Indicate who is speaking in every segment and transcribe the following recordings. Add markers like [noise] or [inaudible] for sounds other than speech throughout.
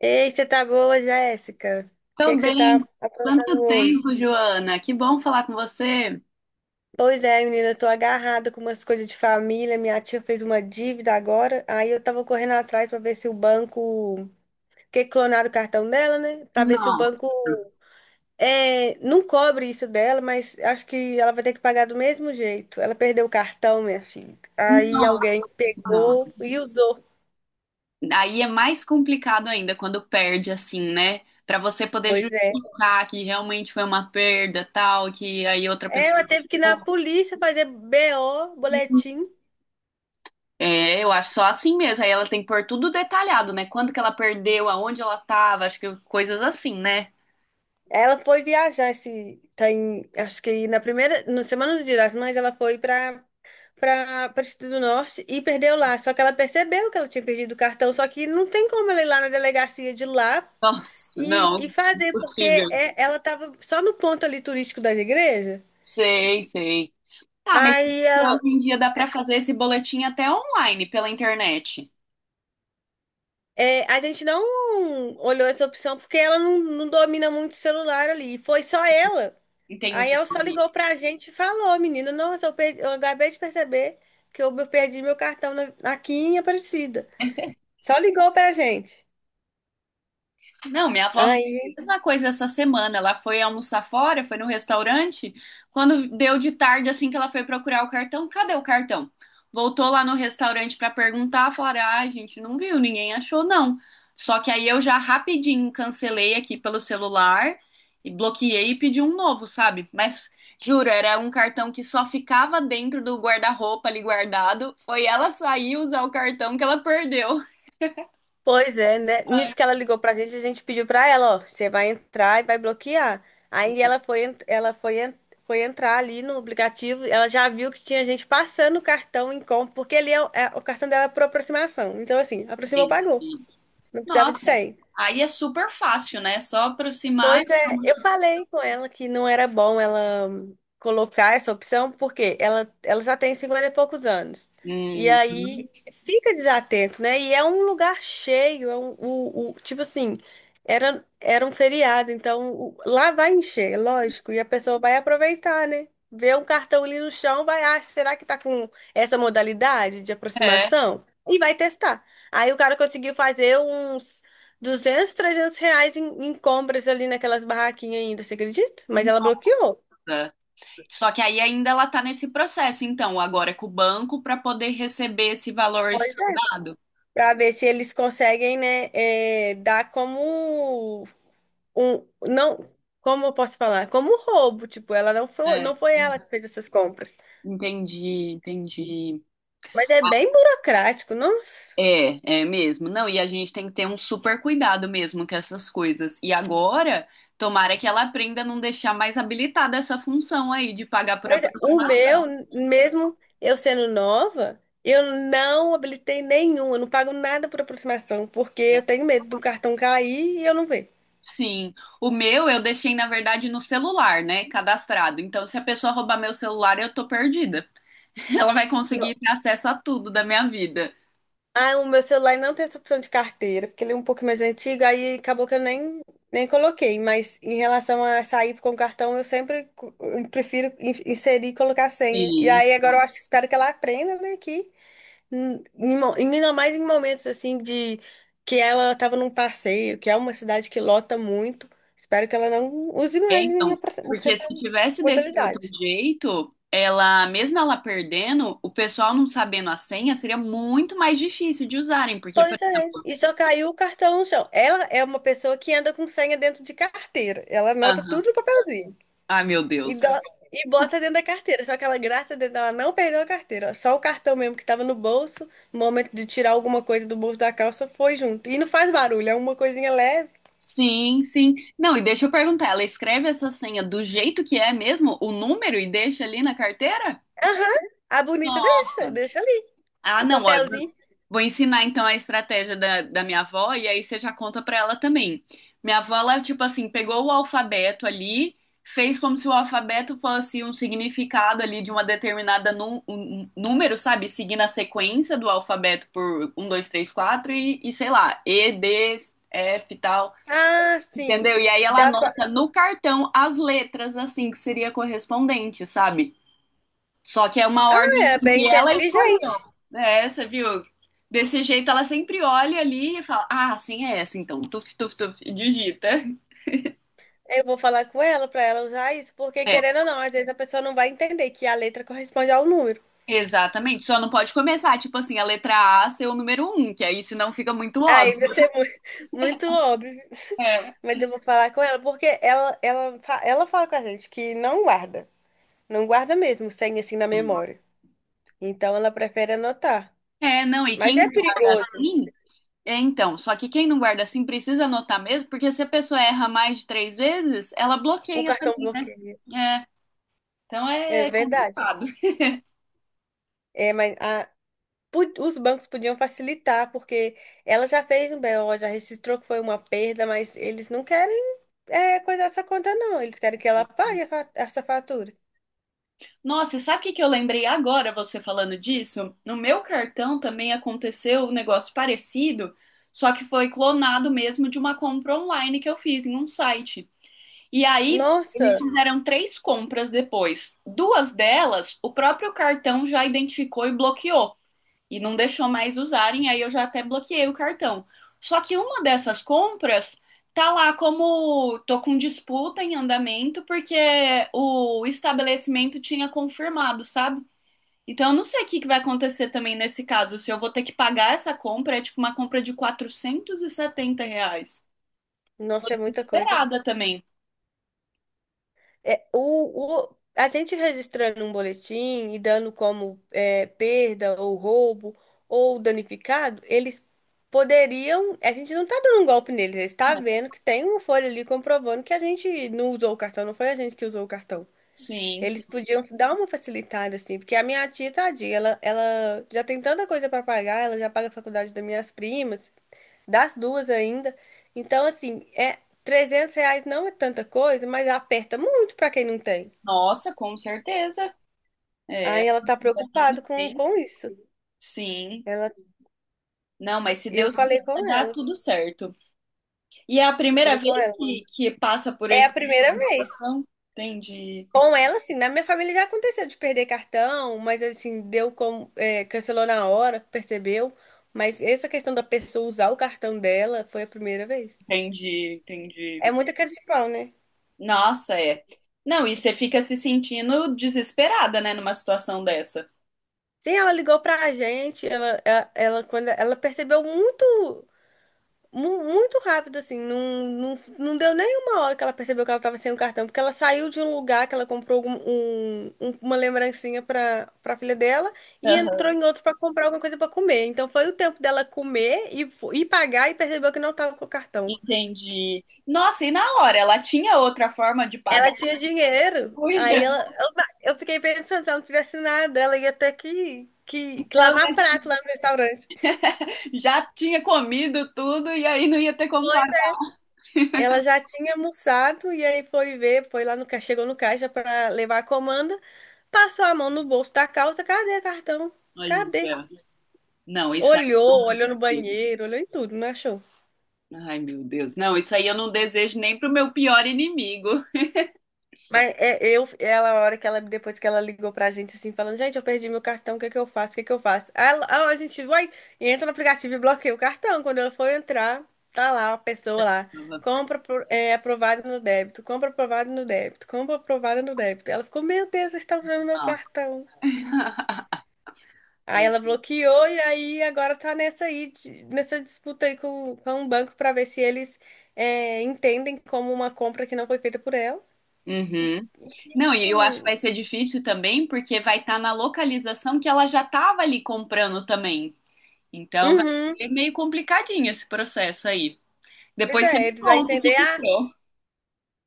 Speaker 1: Ei, você tá boa, Jéssica? O que é
Speaker 2: Tô
Speaker 1: que você tá
Speaker 2: bem. Quanto
Speaker 1: aprontando hoje?
Speaker 2: tempo, Joana? Que bom falar com você.
Speaker 1: Pois é, menina, eu tô agarrada com umas coisas de família. Minha tia fez uma dívida agora, aí eu tava correndo atrás pra ver se o banco. Porque clonaram o cartão dela, né? Pra ver se o
Speaker 2: Nossa,
Speaker 1: banco não cobre isso dela, mas acho que ela vai ter que pagar do mesmo jeito. Ela perdeu o cartão, minha filha. Aí
Speaker 2: nossa.
Speaker 1: alguém
Speaker 2: Senhora.
Speaker 1: pegou e usou.
Speaker 2: Aí é mais complicado ainda quando perde assim, né? Pra você poder
Speaker 1: Pois é.
Speaker 2: justificar que realmente foi uma perda, tal, que aí outra pessoa.
Speaker 1: Ela teve que ir na polícia fazer BO, boletim.
Speaker 2: É, eu acho só assim mesmo. Aí ela tem que pôr tudo detalhado, né? Quando que ela perdeu, aonde ela tava, acho que coisas assim, né?
Speaker 1: Ela foi viajar esse tem, acho que na primeira, na semana do Dia das Mães, ela foi para para o Distrito do Norte e perdeu lá. Só que ela percebeu que ela tinha perdido o cartão, só que não tem como ela ir lá na delegacia de lá
Speaker 2: Nossa,
Speaker 1: e
Speaker 2: não,
Speaker 1: fazer, porque
Speaker 2: impossível.
Speaker 1: ela estava só no ponto ali turístico das igrejas.
Speaker 2: Sei, sei. Ah, mas
Speaker 1: Aí ela-
Speaker 2: hoje em dia dá para fazer esse boletim até online, pela internet.
Speaker 1: a gente não olhou essa opção porque ela não domina muito o celular ali. E foi só ela. Aí
Speaker 2: Entende?
Speaker 1: ela só ligou pra gente e falou, menina, nossa, eu, perdi, eu acabei de perceber que eu perdi meu cartão aqui em Aparecida. Só ligou pra gente.
Speaker 2: Não, minha avó fez
Speaker 1: Aí,
Speaker 2: a mesma coisa essa semana. Ela foi almoçar fora, foi no restaurante. Quando deu de tarde, assim que ela foi procurar o cartão, cadê o cartão? Voltou lá no restaurante para perguntar, falaram: ah, a gente não viu, ninguém achou, não. Só que aí eu já rapidinho cancelei aqui pelo celular e bloqueei e pedi um novo, sabe? Mas juro, era um cartão que só ficava dentro do guarda-roupa ali guardado. Foi ela sair e usar o cartão que ela perdeu.
Speaker 1: pois é, né?
Speaker 2: Ai,
Speaker 1: Nisso que ela ligou pra gente, a gente pediu pra ela, ó, você vai entrar e vai bloquear. Aí ela foi, en- Foi entrar ali no aplicativo, ela já viu que tinha gente passando o cartão em compra, porque ali o cartão dela é por aproximação. Então, assim, aproximou, pagou.
Speaker 2: gente.
Speaker 1: Não precisava de
Speaker 2: Nossa,
Speaker 1: senha.
Speaker 2: aí é super fácil, né? Só aproximar. E
Speaker 1: Pois é, eu
Speaker 2: pronto.
Speaker 1: falei com ela que não era bom ela colocar essa opção, porque ela já tem 50 e poucos anos. E
Speaker 2: Uhum.
Speaker 1: aí fica desatento, né? E é um lugar cheio, tipo assim, era um feriado, então lá vai encher, lógico, e a pessoa vai aproveitar, né? Vê um cartão ali no chão, vai, ah, será que tá com essa modalidade de
Speaker 2: É.
Speaker 1: aproximação? E vai testar. Aí o cara conseguiu fazer uns 200 300 reais em compras ali naquelas barraquinhas ainda, você acredita? Mas ela bloqueou.
Speaker 2: Nossa. Só que aí ainda ela tá nesse processo, então, agora é com o banco para poder receber esse valor
Speaker 1: Pois é.
Speaker 2: estornado.
Speaker 1: Pra ver se eles conseguem, né, dar como um, não, como eu posso falar? Como um roubo, tipo, ela não foi,
Speaker 2: É.
Speaker 1: não foi ela que fez essas compras.
Speaker 2: Entendi, entendi.
Speaker 1: Mas é
Speaker 2: Ah,
Speaker 1: bem burocrático, não?
Speaker 2: é, é mesmo. Não, e a gente tem que ter um super cuidado mesmo com essas coisas. E agora, tomara que ela aprenda a não deixar mais habilitada essa função aí de pagar por
Speaker 1: Pois é, o
Speaker 2: aproximação.
Speaker 1: meu, mesmo eu sendo nova, eu não habilitei nenhum, eu não pago nada por aproximação, porque eu tenho medo do cartão cair e eu não ver.
Speaker 2: Sim, o meu eu deixei, na verdade, no celular, né? Cadastrado. Então, se a pessoa roubar meu celular, eu tô perdida. [laughs] Ela vai conseguir ter acesso a tudo da minha vida.
Speaker 1: Ah, o meu celular não tem essa opção de carteira, porque ele é um pouco mais antigo, aí acabou que eu nem coloquei. Mas em relação a sair com cartão, eu sempre eu prefiro inserir e colocar a senha. E
Speaker 2: Sim,
Speaker 1: aí agora eu acho, espero que ela aprenda, né, que ainda mais em momentos assim de que ela estava num passeio, que é uma cidade que lota muito. Espero que ela não use
Speaker 2: é,
Speaker 1: mais
Speaker 2: então.
Speaker 1: nenhuma
Speaker 2: Porque
Speaker 1: essa
Speaker 2: se tivesse desse outro
Speaker 1: modalidade.
Speaker 2: jeito, ela, mesmo ela perdendo, o pessoal não sabendo a senha, seria muito mais difícil de usarem. Porque, por
Speaker 1: Pois é,
Speaker 2: exemplo.
Speaker 1: e só caiu o cartão no chão. Ela é uma pessoa que anda com senha dentro de carteira. Ela anota
Speaker 2: Aham.
Speaker 1: tudo no papelzinho
Speaker 2: Ai, meu
Speaker 1: e,
Speaker 2: Deus.
Speaker 1: dó- e bota dentro da carteira. Só que ela, graças a Deus, ela não perdeu a carteira. Só o cartão mesmo que tava no bolso, no momento de tirar alguma coisa do bolso da calça, foi junto. E não faz barulho, é uma coisinha leve.
Speaker 2: Sim, sim. Não, e deixa eu perguntar, ela escreve essa senha do jeito que é mesmo, o número, e deixa ali na carteira?
Speaker 1: Aham, a bonita deixa,
Speaker 2: Nossa.
Speaker 1: deixa ali.
Speaker 2: Ah,
Speaker 1: O
Speaker 2: não, ó, eu vou
Speaker 1: papelzinho.
Speaker 2: vou ensinar então a estratégia da minha avó e aí você já conta pra ela também. Minha avó, ela, tipo assim, pegou o alfabeto ali, fez como se o alfabeto fosse um significado ali de uma determinada um número, sabe? Seguindo a sequência do alfabeto por um, dois, três, quatro e sei lá, E, D, F e tal,
Speaker 1: Ah, sim.
Speaker 2: entendeu? E aí ela
Speaker 1: Dá pra.
Speaker 2: anota no cartão as letras, assim, que seria correspondente, sabe? Só que é uma ordem
Speaker 1: Ah, é
Speaker 2: assim
Speaker 1: bem
Speaker 2: que ela escolheu.
Speaker 1: inteligente.
Speaker 2: É, você viu? Desse jeito ela sempre olha ali e fala: ah, assim é essa, então. Tuf, tuf, tuf, e digita.
Speaker 1: Eu vou falar com ela pra ela usar isso, porque
Speaker 2: É,
Speaker 1: querendo ou não, às vezes a pessoa não vai entender que a letra corresponde ao número.
Speaker 2: exatamente. Só não pode começar, tipo assim, a letra A ser o número um, que aí senão fica muito
Speaker 1: Aí
Speaker 2: óbvio.
Speaker 1: vai ser [laughs] muito óbvio,
Speaker 2: É.
Speaker 1: mas eu vou falar com ela, porque ela fala com a gente que não guarda, não guarda mesmo, sem assim na memória. Então ela prefere anotar.
Speaker 2: É, não, e
Speaker 1: Mas
Speaker 2: quem
Speaker 1: é
Speaker 2: não guarda
Speaker 1: perigoso,
Speaker 2: assim. É, então, só que quem não guarda assim precisa anotar mesmo, porque se a pessoa erra mais de três vezes, ela
Speaker 1: o
Speaker 2: bloqueia
Speaker 1: cartão
Speaker 2: também, né?
Speaker 1: bloqueio,
Speaker 2: É, então é
Speaker 1: é verdade.
Speaker 2: complicado.
Speaker 1: É, mas os bancos podiam facilitar, porque ela já fez um BO, já registrou que foi uma perda, mas eles não querem coisar essa conta, não. Eles querem que ela pague essa fatura.
Speaker 2: Nossa, e sabe o que que eu lembrei agora, você falando disso? No meu cartão também aconteceu um negócio parecido, só que foi clonado mesmo de uma compra online que eu fiz em um site. E aí, eles
Speaker 1: Nossa,
Speaker 2: fizeram três compras depois. Duas delas, o próprio cartão já identificou e bloqueou e não deixou mais usarem, aí eu já até bloqueei o cartão. Só que uma dessas compras tá lá como tô com disputa em andamento porque o estabelecimento tinha confirmado, sabe? Então eu não sei o que que vai acontecer também nesse caso, se eu vou ter que pagar essa compra, é tipo uma compra de R$ 470. Tô
Speaker 1: nossa, é muita coisa.
Speaker 2: desesperada também.
Speaker 1: É, a gente registrando um boletim e dando como perda ou roubo ou danificado, eles poderiam. A gente não tá dando um golpe neles, eles tá
Speaker 2: É,
Speaker 1: vendo que tem uma folha ali comprovando que a gente não usou o cartão, não foi a gente que usou o cartão.
Speaker 2: sim,
Speaker 1: Eles
Speaker 2: sim.
Speaker 1: podiam dar uma facilitada, assim, porque a minha tia, tadinha, ela já tem tanta coisa para pagar, ela já paga a faculdade das minhas primas, das duas ainda. Então, assim, R$ 300 não é tanta coisa, mas aperta muito para quem não tem.
Speaker 2: Nossa, com certeza. É,
Speaker 1: Aí ela tá
Speaker 2: ali
Speaker 1: preocupada
Speaker 2: no
Speaker 1: com
Speaker 2: mês.
Speaker 1: isso.
Speaker 2: Sim.
Speaker 1: Ela,
Speaker 2: Não, mas se
Speaker 1: eu
Speaker 2: Deus quiser,
Speaker 1: falei com
Speaker 2: vai dar
Speaker 1: ela,
Speaker 2: tudo certo. E é a
Speaker 1: eu
Speaker 2: primeira
Speaker 1: falei com
Speaker 2: vez
Speaker 1: ela.
Speaker 2: que passa por
Speaker 1: É
Speaker 2: esse
Speaker 1: a primeira vez.
Speaker 2: som? Entendi,
Speaker 1: Com ela, assim, na minha família já aconteceu de perder cartão, mas assim, cancelou na hora, percebeu. Mas essa questão da pessoa usar o cartão dela foi a primeira vez.
Speaker 2: entendi.
Speaker 1: É muita cara de pau, né?
Speaker 2: Nossa, é. Não, e você fica se sentindo desesperada, né, numa situação dessa.
Speaker 1: Sim, ela ligou pra gente, quando ela percebeu muito. Muito rápido, assim. Não, não, não deu nem uma hora que ela percebeu que ela estava sem o cartão, porque ela saiu de um lugar que ela comprou uma lembrancinha para filha dela e entrou
Speaker 2: Aham,
Speaker 1: em outro para comprar alguma coisa para comer. Então foi o tempo dela comer e pagar e percebeu que não estava com o cartão.
Speaker 2: entendi. Nossa, e na hora, ela tinha outra forma de
Speaker 1: Ela
Speaker 2: pagar?
Speaker 1: tinha
Speaker 2: [laughs]
Speaker 1: dinheiro, aí
Speaker 2: Uia,
Speaker 1: eu fiquei pensando, se ela não tivesse nada, ela ia ter que
Speaker 2: então, né,
Speaker 1: lavar prato lá no restaurante.
Speaker 2: já tinha comido tudo e aí não ia ter como pagar.
Speaker 1: Ela já tinha almoçado e aí foi ver, foi lá no caixa, chegou no caixa para levar a comanda, passou a mão no bolso da calça, cadê o cartão? Cadê?
Speaker 2: Olha, não, isso
Speaker 1: Olhou, olhou no
Speaker 2: aí.
Speaker 1: banheiro, olhou em tudo, não achou?
Speaker 2: Ai, meu Deus. Não, isso aí eu não desejo nem pro meu pior inimigo.
Speaker 1: Mas a hora que ela, depois que ela ligou pra gente, assim, falando, gente, eu perdi meu cartão, o que é que eu faço? O que é que eu faço? Aí a gente vai, e entra no aplicativo e bloqueia o cartão. Quando ela for entrar, tá lá, a pessoa lá, compra aprovado no débito, compra aprovado no débito, compra aprovado no débito. Ela ficou, meu Deus, você está usando meu
Speaker 2: Ah,
Speaker 1: cartão. Aí
Speaker 2: é.
Speaker 1: ela bloqueou e aí agora tá nessa aí, nessa disputa aí com um banco pra ver se eles entendem como uma compra que não foi feita por ela.
Speaker 2: Uhum. Não, e eu acho que
Speaker 1: Hum,
Speaker 2: vai ser difícil também, porque vai estar na localização que ela já estava ali comprando também. Então vai
Speaker 1: uhum.
Speaker 2: ser meio complicadinho esse processo aí.
Speaker 1: Pois
Speaker 2: Depois você
Speaker 1: é,
Speaker 2: me
Speaker 1: eles vão
Speaker 2: conta o que
Speaker 1: entender,
Speaker 2: que
Speaker 1: ah,
Speaker 2: deu.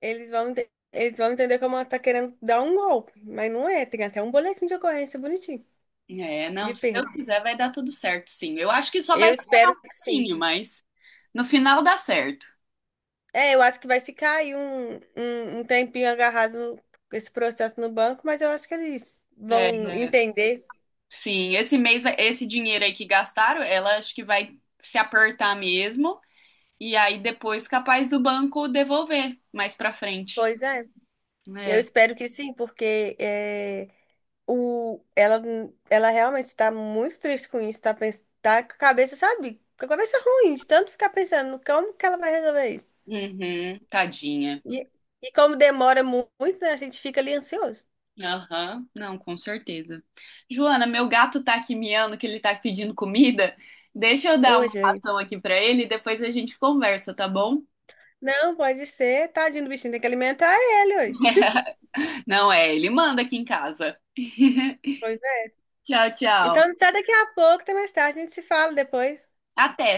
Speaker 1: eles vão entender como ela tá querendo dar um golpe, mas não é, tem até um boletim de ocorrência bonitinho,
Speaker 2: É,
Speaker 1: de
Speaker 2: não, se
Speaker 1: perda.
Speaker 2: Deus quiser vai dar tudo certo, sim. Eu acho que só vai
Speaker 1: Eu
Speaker 2: demorar
Speaker 1: espero
Speaker 2: um
Speaker 1: que sim.
Speaker 2: pouquinho, mas no final dá certo.
Speaker 1: É, eu acho que vai ficar aí um tempinho agarrado esse processo no banco, mas eu acho que eles
Speaker 2: É,
Speaker 1: vão
Speaker 2: é,
Speaker 1: entender.
Speaker 2: sim, esse mês, vai- esse dinheiro aí que gastaram, ela acho que vai se apertar mesmo, e aí depois capaz do banco devolver mais pra frente.
Speaker 1: Pois é, eu
Speaker 2: É.
Speaker 1: espero que sim, porque o, ela, ela realmente está muito triste com isso, tá, tá com a cabeça, sabe? Com a cabeça ruim, de tanto ficar pensando no como que ela vai resolver isso.
Speaker 2: Uhum, tadinha.
Speaker 1: E, e como demora muito, né, a gente fica ali ansioso.
Speaker 2: Aham, não, com certeza. Joana, meu gato tá aqui miando que ele tá pedindo comida. Deixa eu dar
Speaker 1: Ô,
Speaker 2: uma
Speaker 1: gente.
Speaker 2: ração aqui pra ele e depois a gente conversa, tá bom?
Speaker 1: Não, pode ser. Tadinho do bichinho, tem que alimentar ele hoje. [laughs]
Speaker 2: [laughs] Não é, ele manda aqui em casa. [laughs]
Speaker 1: Pois é.
Speaker 2: Tchau, tchau.
Speaker 1: Então, até daqui a pouco, até mais tarde, a gente se fala depois.
Speaker 2: Até.